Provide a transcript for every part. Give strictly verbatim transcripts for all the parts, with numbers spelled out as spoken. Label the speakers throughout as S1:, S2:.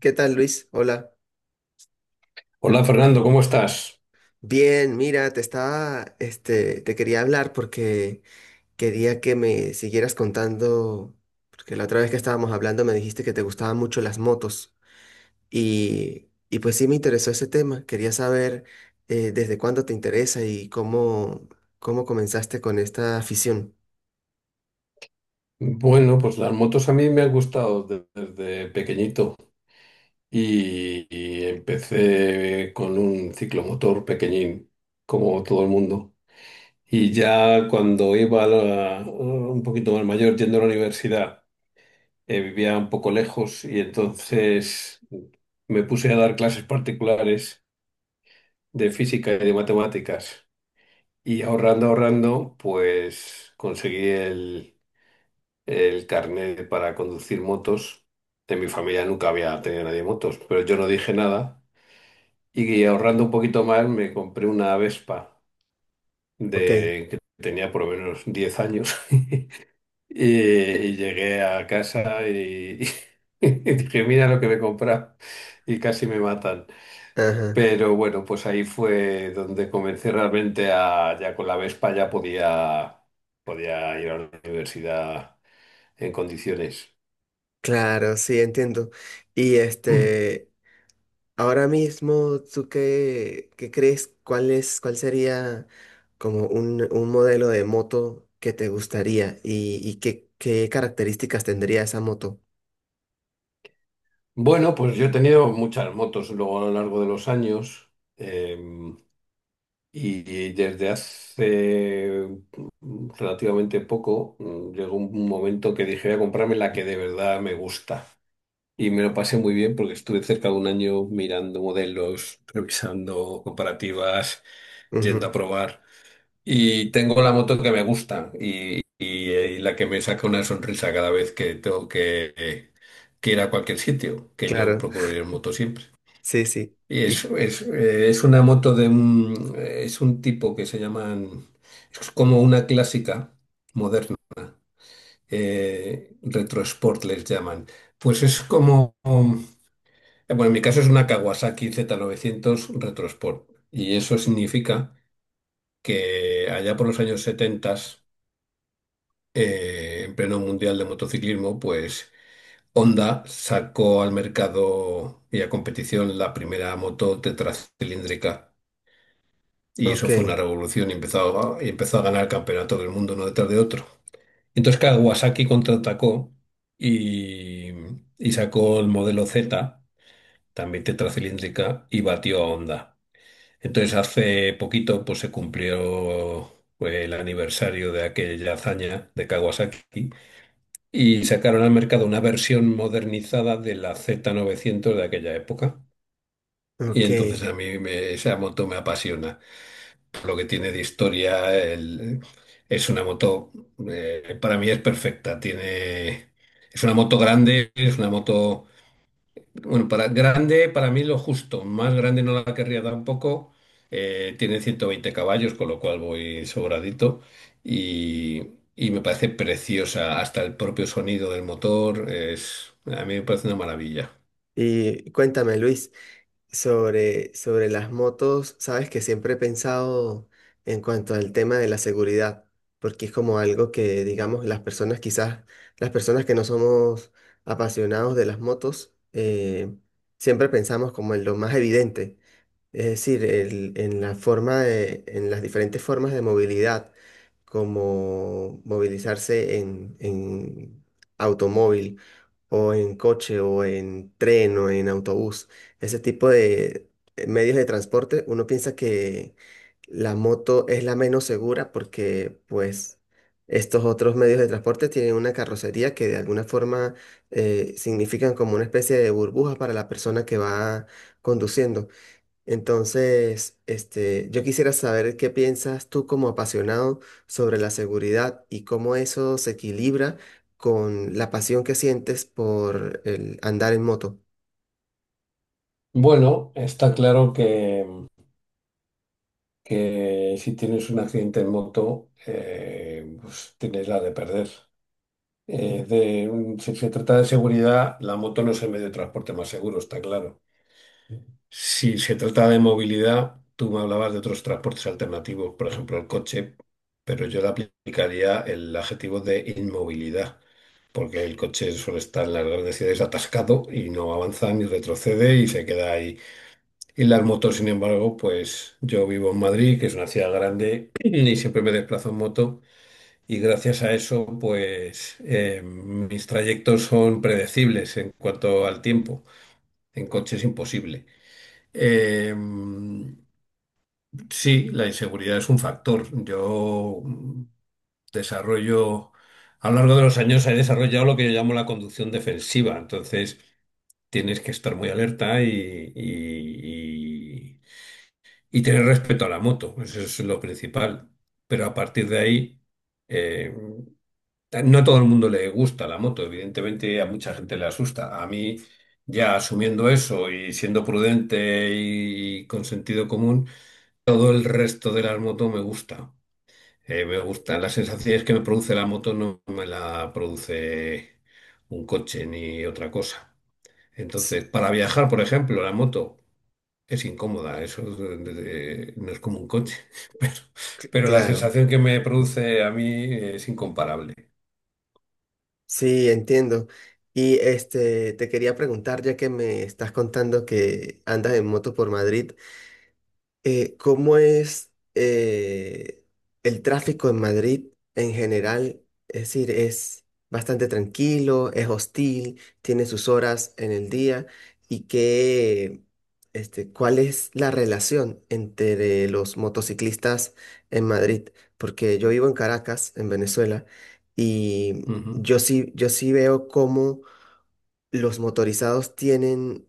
S1: ¿Qué tal, Luis? Hola.
S2: Hola Fernando, ¿cómo estás?
S1: Bien, mira, te estaba, este, te quería hablar porque quería que me siguieras contando, porque la otra vez que estábamos hablando me dijiste que te gustaban mucho las motos y, y pues sí me interesó ese tema. Quería saber eh, desde cuándo te interesa y cómo, cómo comenzaste con esta afición.
S2: Bueno, pues las motos a mí me han gustado de- desde pequeñito y, y empecé con un ciclomotor pequeñín, como todo el mundo. Y ya cuando iba a la- un poquito más mayor, yendo a la universidad, eh, vivía un poco lejos y entonces me puse a dar clases particulares de física y de matemáticas. Y ahorrando, ahorrando, pues conseguí el el carnet para conducir motos. En mi familia nunca había tenido nadie motos, pero yo no dije nada. Y ahorrando un poquito más, me compré una Vespa
S1: Ok.
S2: de que tenía por lo menos diez años. Y, y llegué a casa y, y dije, mira lo que me he comprado. Y casi me matan.
S1: Ajá.
S2: Pero bueno, pues ahí fue donde comencé realmente a, ya con la Vespa ya podía, podía ir a la universidad en condiciones.
S1: Claro, sí, entiendo. Y este, Ahora mismo, ¿tú qué, qué crees? ¿Cuál es, cuál sería como un, un modelo de moto que te gustaría y, y qué, qué características tendría esa moto?
S2: Bueno, pues yo he tenido muchas motos luego a lo largo de los años em, y, y desde hace mm, relativamente poco mm, llegó un momento que dije voy a comprarme la que de verdad me gusta y me lo pasé muy bien porque estuve cerca de un año mirando modelos, revisando comparativas, yendo a
S1: Ujú,
S2: probar y tengo la moto que me gusta y, y- eh, y la que me saca una sonrisa cada vez que tengo que, eh, que ir a cualquier sitio, que yo
S1: claro,
S2: procuro ir en moto siempre.
S1: sí, sí.
S2: Es,
S1: Y,
S2: es, eh, es una moto de un, eh, es un tipo que se llaman, es como una clásica moderna, eh, retro sport les llaman. Pues es como, um, eh, bueno, en mi caso es una Kawasaki z novecientos retro sport y eso significa que allá por los años setenta, eh, en pleno mundial de motociclismo, pues Honda sacó al mercado y a competición la primera moto tetracilíndrica. Y eso
S1: ok,
S2: fue una revolución y empezó a, empezó a ganar campeonato del mundo uno detrás de otro. Entonces claro, Kawasaki contraatacó y, y sacó el modelo Z, también tetracilíndrica, y batió a Honda. Entonces hace poquito pues, se cumplió pues, el aniversario de aquella hazaña de Kawasaki y sacaron al mercado una versión modernizada de la z novecientos de aquella época. Y
S1: ok.
S2: entonces a mí me- esa moto me apasiona. Lo que tiene de historia, el- es una moto, eh, para mí es perfecta. Tiene, es una moto grande, es una moto, bueno, para grande, para mí lo justo, más grande no la querría tampoco. Eh, tiene ciento veinte caballos, con lo cual voy sobradito y, y me parece preciosa. Hasta el propio sonido del motor es, a mí me parece una maravilla.
S1: Y cuéntame, Luis. Sobre, sobre las motos, sabes que siempre he pensado en cuanto al tema de la seguridad, porque es como algo que, digamos, las personas quizás, las personas que no somos apasionados de las motos, eh, siempre pensamos como en lo más evidente, es decir, el- en la forma de, en las diferentes formas de movilidad, como movilizarse en, en automóvil o en coche o en tren o en autobús, ese tipo de eh, medios de transporte, uno piensa que la moto es la menos segura porque pues estos otros medios de transporte tienen una carrocería que de alguna forma eh, significan como una especie de burbuja para la persona que va conduciendo. Entonces, este, yo quisiera saber qué piensas tú como apasionado sobre la seguridad y cómo eso se equilibra con la pasión que sientes por el andar en moto.
S2: Bueno, está claro que que si tienes un accidente en moto, eh, pues tienes la de perder. Eh, de un- si se trata de seguridad, la moto no es el medio de transporte más seguro, está claro. Si se trata de movilidad, tú me hablabas de otros transportes alternativos, por ejemplo el coche, pero yo le aplicaría el adjetivo de inmovilidad, porque el coche suele estar en las grandes ciudades atascado y no avanza ni retrocede y se queda ahí. Y las motos, sin embargo, pues yo vivo en Madrid, que es una ciudad grande, y siempre me desplazo en moto. Y gracias a eso, pues eh, mis trayectos son predecibles en cuanto al tiempo. En coche es imposible. Eh, sí, la inseguridad es un factor. Yo mm, desarrollo, a lo largo de los años he desarrollado lo que yo llamo la conducción defensiva. Entonces, tienes que estar muy alerta y, y- y- y tener respeto a la moto, eso es lo principal. Pero a partir de ahí, eh, no a todo el mundo le gusta la moto, evidentemente a mucha gente le asusta. A mí, ya asumiendo eso y siendo prudente y con sentido común, todo el resto de las motos me gusta. Eh, me gustan las sensaciones que me produce la moto, no me la produce un coche ni otra cosa.
S1: S-
S2: Entonces, para viajar, por ejemplo, la moto. Es incómoda, eso es de- de- no es como un coche, pero,
S1: cl-
S2: pero la
S1: Claro,
S2: sensación que me produce a mí es incomparable.
S1: sí, entiendo. Y este, te quería preguntar, ya que me estás contando que andas en moto por Madrid, Eh, ¿cómo es eh, el tráfico en Madrid en general? Es decir, es bastante tranquilo, es hostil, tiene sus horas en el día y qué, este, ¿cuál es la relación entre los motociclistas en Madrid? Porque yo vivo en Caracas, en Venezuela, y
S2: Ujú.
S1: yo sí, yo sí veo cómo los motorizados tienen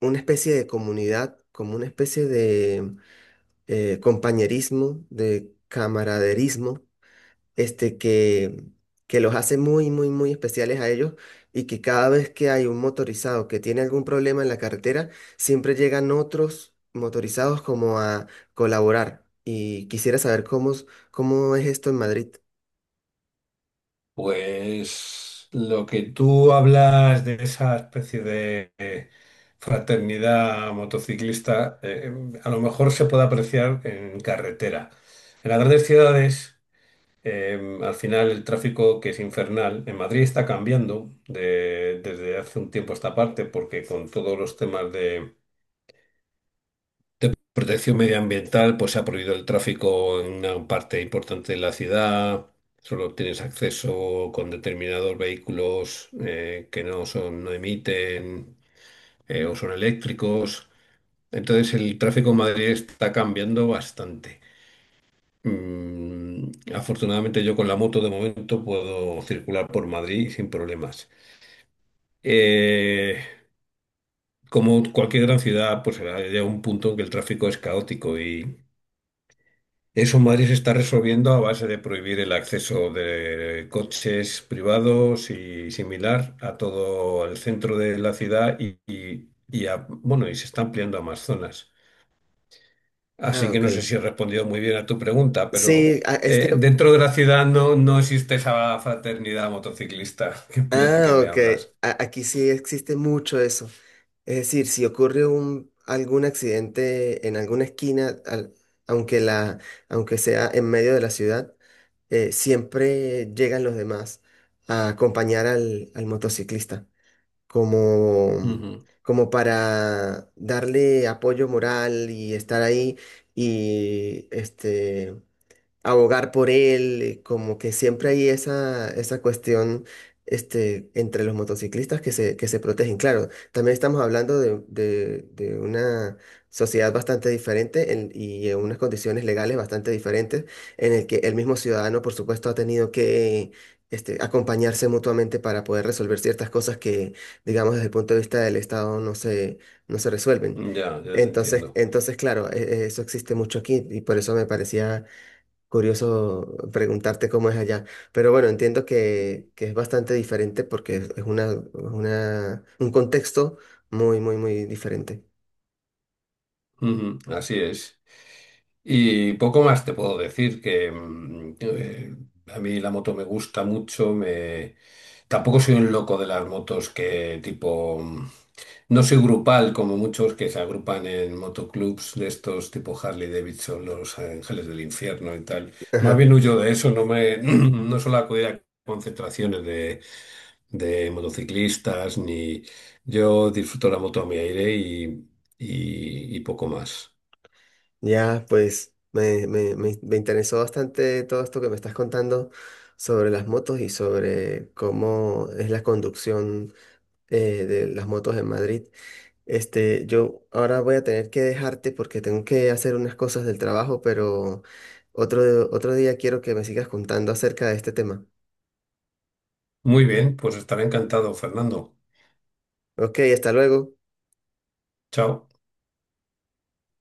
S1: una especie de comunidad, como una especie de eh, compañerismo, de camaraderismo, este que, que los hace muy, muy, muy especiales a ellos y que cada vez que hay un motorizado que tiene algún problema en la carretera, siempre llegan otros motorizados como a colaborar. Y quisiera saber cómo, es- cómo es esto en Madrid.
S2: Pues lo que tú hablas de esa especie de eh, fraternidad motociclista, eh, a lo mejor se puede apreciar en carretera. En las grandes ciudades, eh, al final el tráfico que es infernal, en Madrid está cambiando de- desde hace un tiempo a esta parte, porque con todos los temas de protección medioambiental, pues se ha prohibido el tráfico en una parte importante de la ciudad. Solo tienes acceso con determinados vehículos eh, que no son, no emiten eh, o son eléctricos. Entonces el tráfico en Madrid está cambiando bastante. Mm, afortunadamente yo con la moto de momento puedo circular por Madrid sin problemas. Eh, Como cualquier gran ciudad, pues llega un punto en que el tráfico es caótico, y eso Madrid se está resolviendo a base de prohibir el acceso de coches privados y similar a todo el centro de la ciudad y, y- y a- bueno, y se está ampliando a más zonas.
S1: Ah,
S2: Así que
S1: ok.
S2: no sé si he respondido muy bien a tu pregunta, pero
S1: Sí, a- es que
S2: eh, dentro de la ciudad no, no existe esa fraternidad motociclista de la que
S1: Ah,
S2: me
S1: ok.
S2: hablas.
S1: A- aquí sí existe mucho eso. Es decir, si ocurre un, algún accidente en alguna esquina, al- aunque la, aunque sea en medio de la ciudad, eh, siempre llegan los demás a acompañar al, al motociclista, como, como para darle apoyo moral y estar ahí y este abogar por él, eh, como que siempre hay esa, esa cuestión este, entre los motociclistas que se, que se protegen. Claro, también estamos hablando de, de- de una sociedad bastante diferente en- y en unas condiciones legales bastante diferentes, en el que el mismo ciudadano, por supuesto, ha tenido que... Este, acompañarse mutuamente para poder resolver ciertas cosas que, digamos, desde el punto de vista del Estado no se, no se resuelven.
S2: Ujú. Ya, ya te
S1: Entonces,
S2: entiendo.
S1: entonces, claro, e- e- eso existe mucho aquí y por eso me parecía curioso preguntarte cómo es allá. Pero bueno, entiendo que, que es bastante diferente porque es es una, una, un contexto muy, muy, muy diferente.
S2: Ujú, así es. Y poco más te puedo decir que mm, eh, a mí la moto me gusta mucho, me... tampoco soy un loco de las motos que tipo... mm, No soy grupal como muchos que se agrupan en motoclubs de estos tipo Harley Davidson, Los Ángeles del Infierno y tal. Más
S1: Ajá.
S2: bien huyo de eso, no me no suelo acudir a concentraciones de, de motociclistas, ni yo disfruto la moto a mi aire y, y y poco más.
S1: Ya, pues me, me, me, me interesó bastante todo esto que me estás contando sobre las motos y sobre cómo es la conducción eh, de las motos en Madrid. Este, yo ahora voy a tener que dejarte porque tengo que hacer unas cosas del trabajo, pero otro, otro día quiero que me sigas contando acerca de este tema.
S2: Muy bien, pues estaré encantado, Fernando.
S1: Ok, hasta luego.
S2: Chao.